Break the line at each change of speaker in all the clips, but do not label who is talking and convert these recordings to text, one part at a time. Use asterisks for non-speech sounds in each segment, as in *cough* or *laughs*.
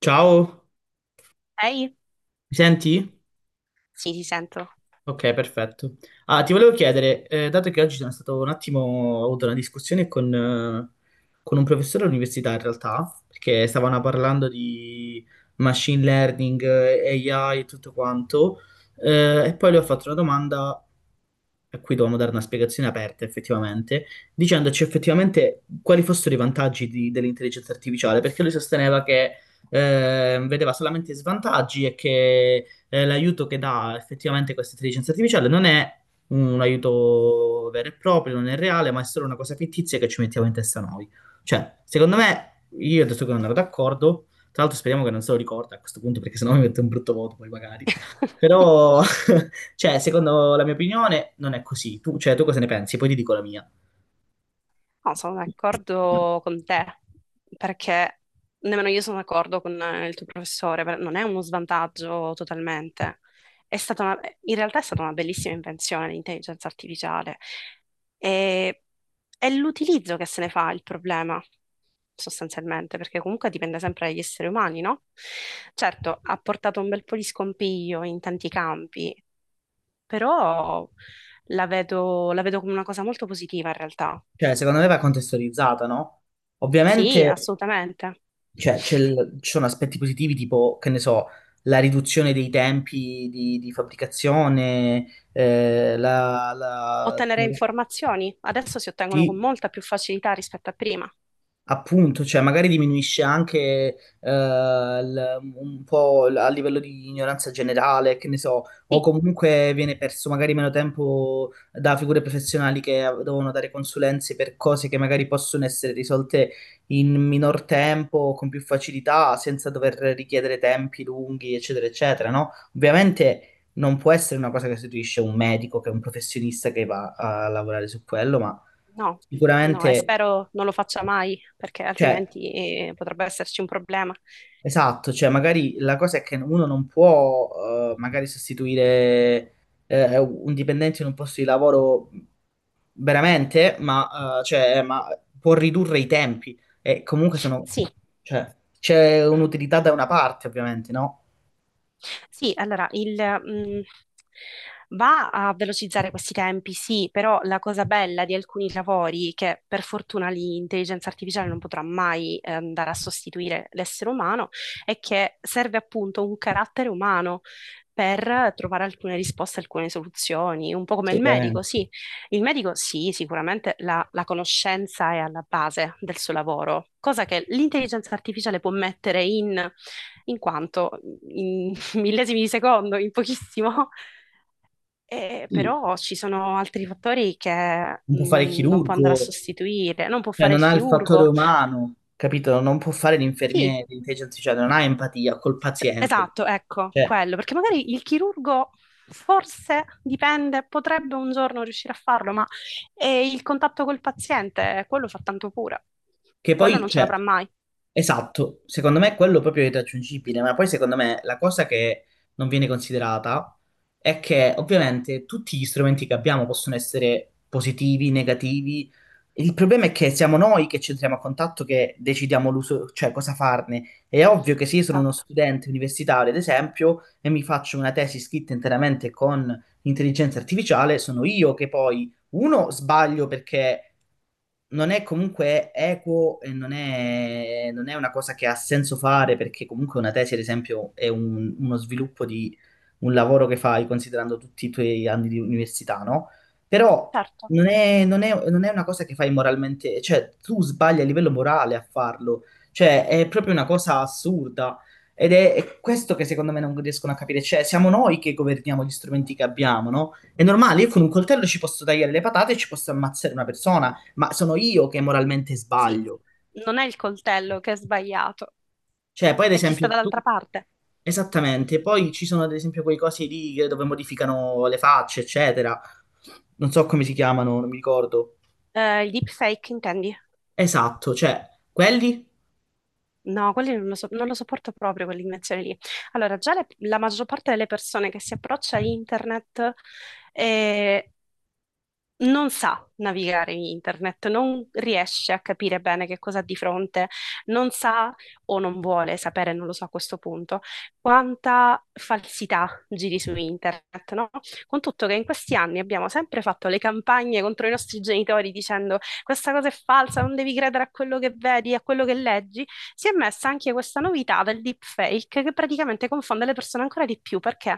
Ciao,
Ehi?
mi senti?
Sì, ti sento.
Ok, perfetto. Ah, ti volevo chiedere, dato che oggi sono stato un attimo, ho avuto una discussione con con un professore all'università in realtà, perché stavano parlando di machine learning, AI e tutto quanto, e poi le ho fatto una domanda a cui dovevamo dare una spiegazione aperta effettivamente, dicendoci effettivamente quali fossero i vantaggi dell'intelligenza artificiale, perché lui sosteneva che vedeva solamente svantaggi e che l'aiuto che dà effettivamente questa intelligenza artificiale non è un aiuto vero e proprio, non è reale, ma è solo una cosa fittizia che ci mettiamo in testa noi. Cioè, secondo me, io adesso che non ero d'accordo, tra l'altro speriamo che non se lo ricorda a questo punto, perché sennò mi mette un brutto voto poi magari. Però *laughs* cioè, secondo la mia opinione, non è così. Tu, cioè, tu cosa ne pensi? Poi ti dico la mia.
No, sono d'accordo con te, perché nemmeno io sono d'accordo con il tuo professore, non è uno svantaggio totalmente. È stata una- In realtà è stata una bellissima invenzione l'intelligenza artificiale. E, è l'utilizzo che se ne fa il problema, sostanzialmente, perché comunque dipende sempre dagli esseri umani, no? Certo, ha portato un bel po' di scompiglio in tanti campi, però la vedo come una cosa molto positiva in realtà.
Cioè, secondo me va contestualizzata, no?
Sì,
Ovviamente,
assolutamente.
cioè, ci sono aspetti positivi tipo, che ne so, la riduzione dei tempi di fabbricazione, eh, la, la-
Ottenere informazioni adesso si ottengono con
sì,
molta più facilità rispetto a prima.
appunto, cioè magari diminuisce anche un po' a livello di ignoranza generale, che ne so, o
Sì,
comunque viene perso magari meno tempo da figure professionali che devono dare consulenze per cose che magari possono essere risolte in minor tempo, con più facilità, senza dover richiedere tempi lunghi, eccetera, eccetera, no? Ovviamente non può essere una cosa che sostituisce un medico, che è un professionista che va a lavorare su quello, ma
no, no, e
sicuramente...
spero non lo faccia mai, perché
Cioè,
altrimenti potrebbe esserci un problema.
esatto, cioè magari la cosa è che uno non può magari sostituire un dipendente in un posto di lavoro veramente, ma può ridurre i tempi e comunque sono,
Sì,
cioè, c'è un'utilità da una parte ovviamente, no?
sì, allora va a velocizzare questi tempi, sì, però la cosa bella di alcuni lavori, che per fortuna l'intelligenza artificiale non potrà mai andare a sostituire l'essere umano, è che serve appunto un carattere umano. Per trovare alcune risposte, alcune soluzioni, un po' come il medico,
Assolutamente.
sì. Il medico, sì, sicuramente la conoscenza è alla base del suo lavoro, cosa che l'intelligenza artificiale può mettere in quanto in millesimi di secondo in pochissimo. *laughs*
Sì.
Però ci sono altri fattori che
Non può fare il
non può andare a
chirurgo,
sostituire, non può
cioè
fare il
non ha il fattore
chirurgo.
umano, capito? Non può fare
Sì,
l'infermiere, l'intelligenza artificiale, non ha empatia col
cioè,
paziente.
esatto, ecco,
Cioè,
quello, perché magari il chirurgo forse dipende, potrebbe un giorno riuscire a farlo, ma il contatto col paziente, quello fa tanto pure,
che
quello
poi,
non ce l'avrà
cioè,
mai.
esatto, secondo me quello proprio è irraggiungibile, ma poi secondo me la cosa che non viene considerata è che ovviamente tutti gli strumenti che abbiamo possono essere positivi, negativi, il problema è che siamo noi che ci entriamo a contatto che decidiamo l'uso, cioè cosa farne. È ovvio che se io sono uno
Esatto,
studente universitario, ad esempio, e mi faccio una tesi scritta interamente con intelligenza artificiale, sono io che poi, uno, sbaglio perché non è comunque equo e non è una cosa che ha senso fare, perché comunque una tesi, ad esempio, è uno sviluppo di un lavoro che fai considerando tutti i tuoi anni di università, no? Però
certo,
non è una cosa che fai moralmente, cioè tu sbagli a livello morale a farlo, cioè è proprio una cosa assurda ed è questo che secondo me non riescono a capire, cioè siamo noi che governiamo gli strumenti che abbiamo, no? È normale, io con un
sì,
coltello ci posso tagliare le patate e ci posso ammazzare una persona, ma sono io che moralmente
sì,
sbaglio,
non è il coltello che è sbagliato,
cioè poi ad
è chi sta
esempio tu...
dall'altra parte.
Esattamente, poi ci sono ad esempio quei cosi lì dove modificano le facce, eccetera, non so come si chiamano, non mi ricordo.
Il deepfake intendi?
Esatto, cioè, quelli
No, quelli non lo sopporto proprio, quell'invenzione lì. Allora, la maggior parte delle persone che si approccia a internet eh, non sa navigare in internet, non riesce a capire bene che cosa ha di fronte, non sa o non vuole sapere, non lo so a questo punto, quanta falsità giri su internet, no? Con tutto che in questi anni abbiamo sempre fatto le campagne contro i nostri genitori dicendo questa cosa è falsa, non devi credere a quello che vedi, a quello che leggi, si è messa anche questa novità del deepfake che praticamente confonde le persone ancora di più perché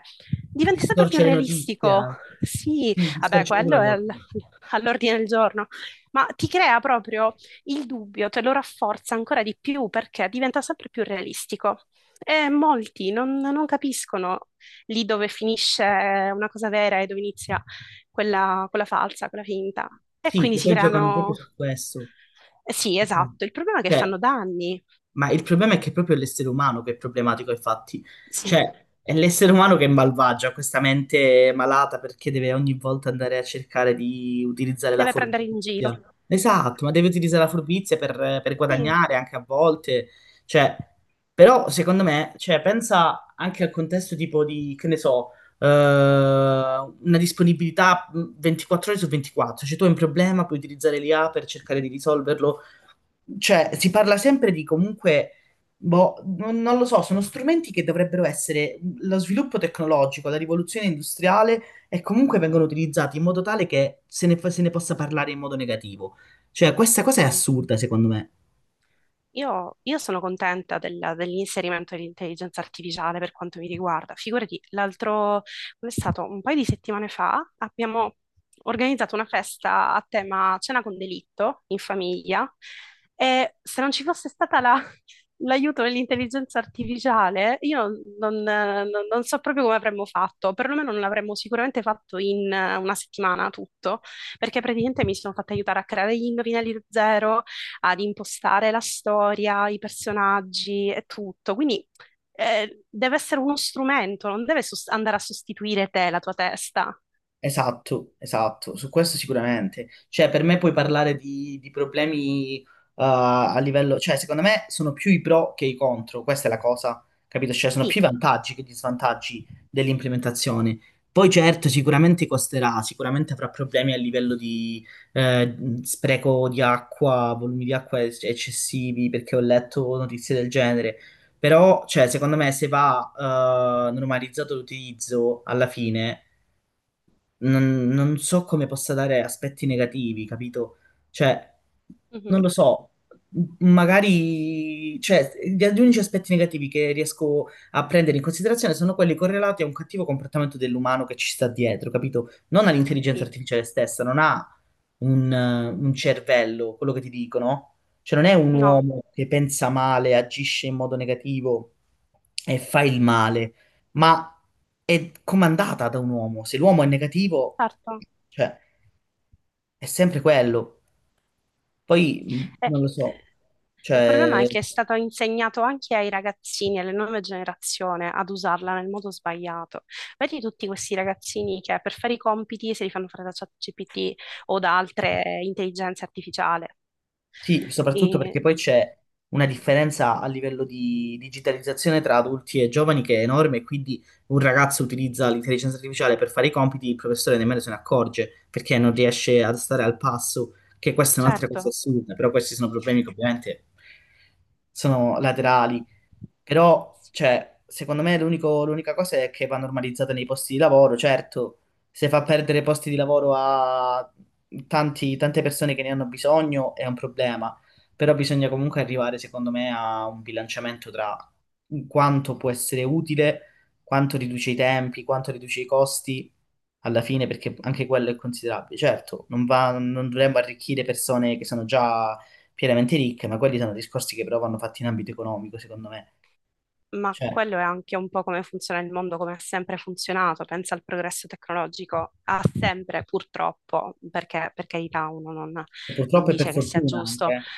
diventa sempre più
distorce le notizie
realistico.
anche.
Sì,
Sì,
vabbè,
distorce proprio
quello
la
è
realtà.
*laughs* all'ordine del giorno, ma ti crea proprio il dubbio, te lo rafforza ancora di più perché diventa sempre più realistico. E molti non capiscono lì dove finisce una cosa vera e dove inizia quella falsa, quella finta. E
Sì,
quindi
che
si
poi giocano proprio
creano...
su questo.
sì,
Diciamo.
esatto, il problema è che
Cioè,
fanno danni.
ma il problema è che è proprio l'essere umano che è problematico, infatti.
Sì,
Cioè, è l'essere umano che è malvagio, ha questa mente malata perché deve ogni volta andare a cercare di utilizzare la
deve prendere in giro.
furbizia. Esatto, ma deve utilizzare la furbizia per
Sì.
guadagnare anche a volte. Cioè, però, secondo me, cioè, pensa anche al contesto tipo di, che ne so, una disponibilità 24 ore su 24. Cioè, tu hai un problema, puoi utilizzare l'IA per cercare di risolverlo, cioè, si parla sempre di comunque, boh, non lo so, sono strumenti che dovrebbero essere lo sviluppo tecnologico, la rivoluzione industriale e comunque vengono utilizzati in modo tale che se ne possa parlare in modo negativo. Cioè, questa cosa è
Sì.
assurda, secondo me.
Io sono contenta dell'inserimento dell'intelligenza artificiale per quanto mi riguarda. Figurati, l'altro, è stato un paio di settimane fa, abbiamo organizzato una festa a tema cena con delitto in famiglia e se non ci fosse stata *laughs* l'aiuto dell'intelligenza artificiale, io non so proprio come avremmo fatto, perlomeno non l'avremmo sicuramente fatto in una settimana tutto, perché praticamente mi sono fatta aiutare a creare gli indovinelli da zero ad impostare la storia, i personaggi e tutto. Quindi deve essere uno strumento, non deve sos- andare a sostituire te, la tua testa.
Esatto, esatto, su questo sicuramente. Cioè, per me puoi parlare di problemi a livello, cioè, secondo me sono più i pro che i contro, questa è la cosa, capito? Cioè, sono più
Sì,
i vantaggi che gli svantaggi dell'implementazione. Poi certo, sicuramente costerà, sicuramente avrà problemi a livello di eh, spreco di acqua, volumi di acqua eccessivi, perché ho letto notizie del genere. Però, cioè, secondo me se va normalizzato l'utilizzo alla fine non so come possa dare aspetti negativi, capito? Cioè, non
mhm.
lo so, magari, cioè, gli unici aspetti negativi che riesco a prendere in considerazione sono quelli correlati a un cattivo comportamento dell'umano che ci sta dietro, capito? Non all'intelligenza
Sì,
artificiale stessa, non ha un cervello, quello che ti dicono. Cioè, non è un
no,
uomo che pensa male, agisce in modo negativo e fa il male, ma è comandata da un uomo. Se l'uomo è negativo,
certo.
cioè, è sempre quello. Poi
Eh,
non lo
eh,
so,
il problema è
cioè,
che è stato insegnato anche ai ragazzini, alle nuove generazioni, ad usarla nel modo sbagliato. Vedi tutti questi ragazzini che per fare i compiti se li fanno fare da ChatGPT o da altre intelligenze artificiali.
sì, soprattutto
E-
perché poi c'è una differenza a livello di digitalizzazione tra adulti e giovani che è enorme, e quindi un ragazzo utilizza l'intelligenza artificiale per fare i compiti, il professore nemmeno se ne accorge perché non riesce a stare al passo, che questa è un'altra cosa
certo.
assurda, però questi sono problemi che ovviamente sono laterali. Però, cioè, secondo me l'unica cosa è che va normalizzata nei posti di lavoro, certo, se fa perdere posti di lavoro a tante persone che ne hanno bisogno è un problema, però bisogna comunque arrivare, secondo me, a un bilanciamento tra quanto può essere utile, quanto riduce i tempi, quanto riduce i costi, alla fine, perché anche quello è considerabile. Certo, non dovremmo arricchire persone che sono già pienamente ricche, ma quelli sono discorsi che però vanno fatti in ambito economico, secondo me.
Ma
Cioè,
quello è anche un po' come funziona il mondo, come ha sempre funzionato. Pensa al progresso tecnologico, ha sempre, purtroppo, perché per carità uno non, non
purtroppo e per
dice che sia
fortuna
giusto.
anche,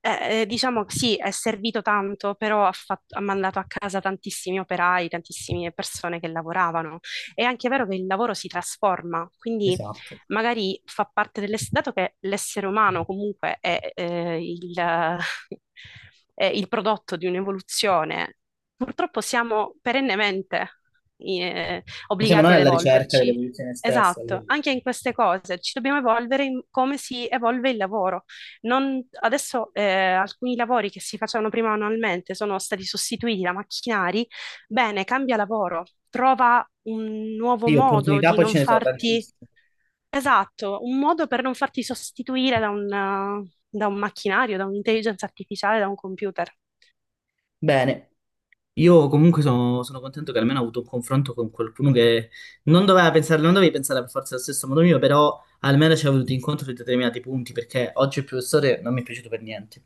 Diciamo sì, è servito tanto, però ha mandato a casa tantissimi operai, tantissime persone che lavoravano. È anche vero che il lavoro si trasforma, quindi
esatto.
magari fa parte dell'essere, dato che l'essere umano comunque *laughs* è il prodotto di un'evoluzione, purtroppo siamo perennemente
Ma siamo
obbligati
noi
ad
alla ricerca
evolverci.
dell'evoluzione stessa,
Esatto,
quindi...
anche in queste cose ci dobbiamo evolvere in come si evolve il lavoro. Adesso alcuni lavori che si facevano prima manualmente sono stati sostituiti da macchinari. Bene, cambia lavoro, trova un nuovo
Sì,
modo
opportunità
di
poi
non
ce ne sono
farti.
tantissime.
Esatto, un modo per non farti sostituire da da un macchinario, da un'intelligenza artificiale, da un computer.
Bene, io comunque sono contento che almeno ho avuto un confronto con qualcuno che non doveva pensare, non dovevi pensare per forza allo stesso modo mio, però almeno ci è venuto incontro su determinati punti, perché oggi il professore non mi è piaciuto per niente.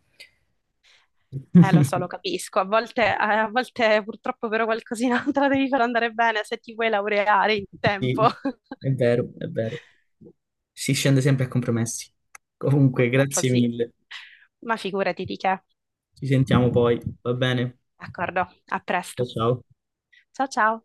Lo so,
*laughs*
lo capisco. A volte purtroppo però qualcosina *laughs* te la devi far andare bene se ti vuoi laureare in tempo.
Sì,
*laughs*
è vero. Si scende sempre a compromessi. Comunque,
Purtroppo
grazie
sì,
mille.
ma figurati di che.
Ci sentiamo poi, va bene?
D'accordo, a
Ciao,
presto.
ciao.
Ciao ciao.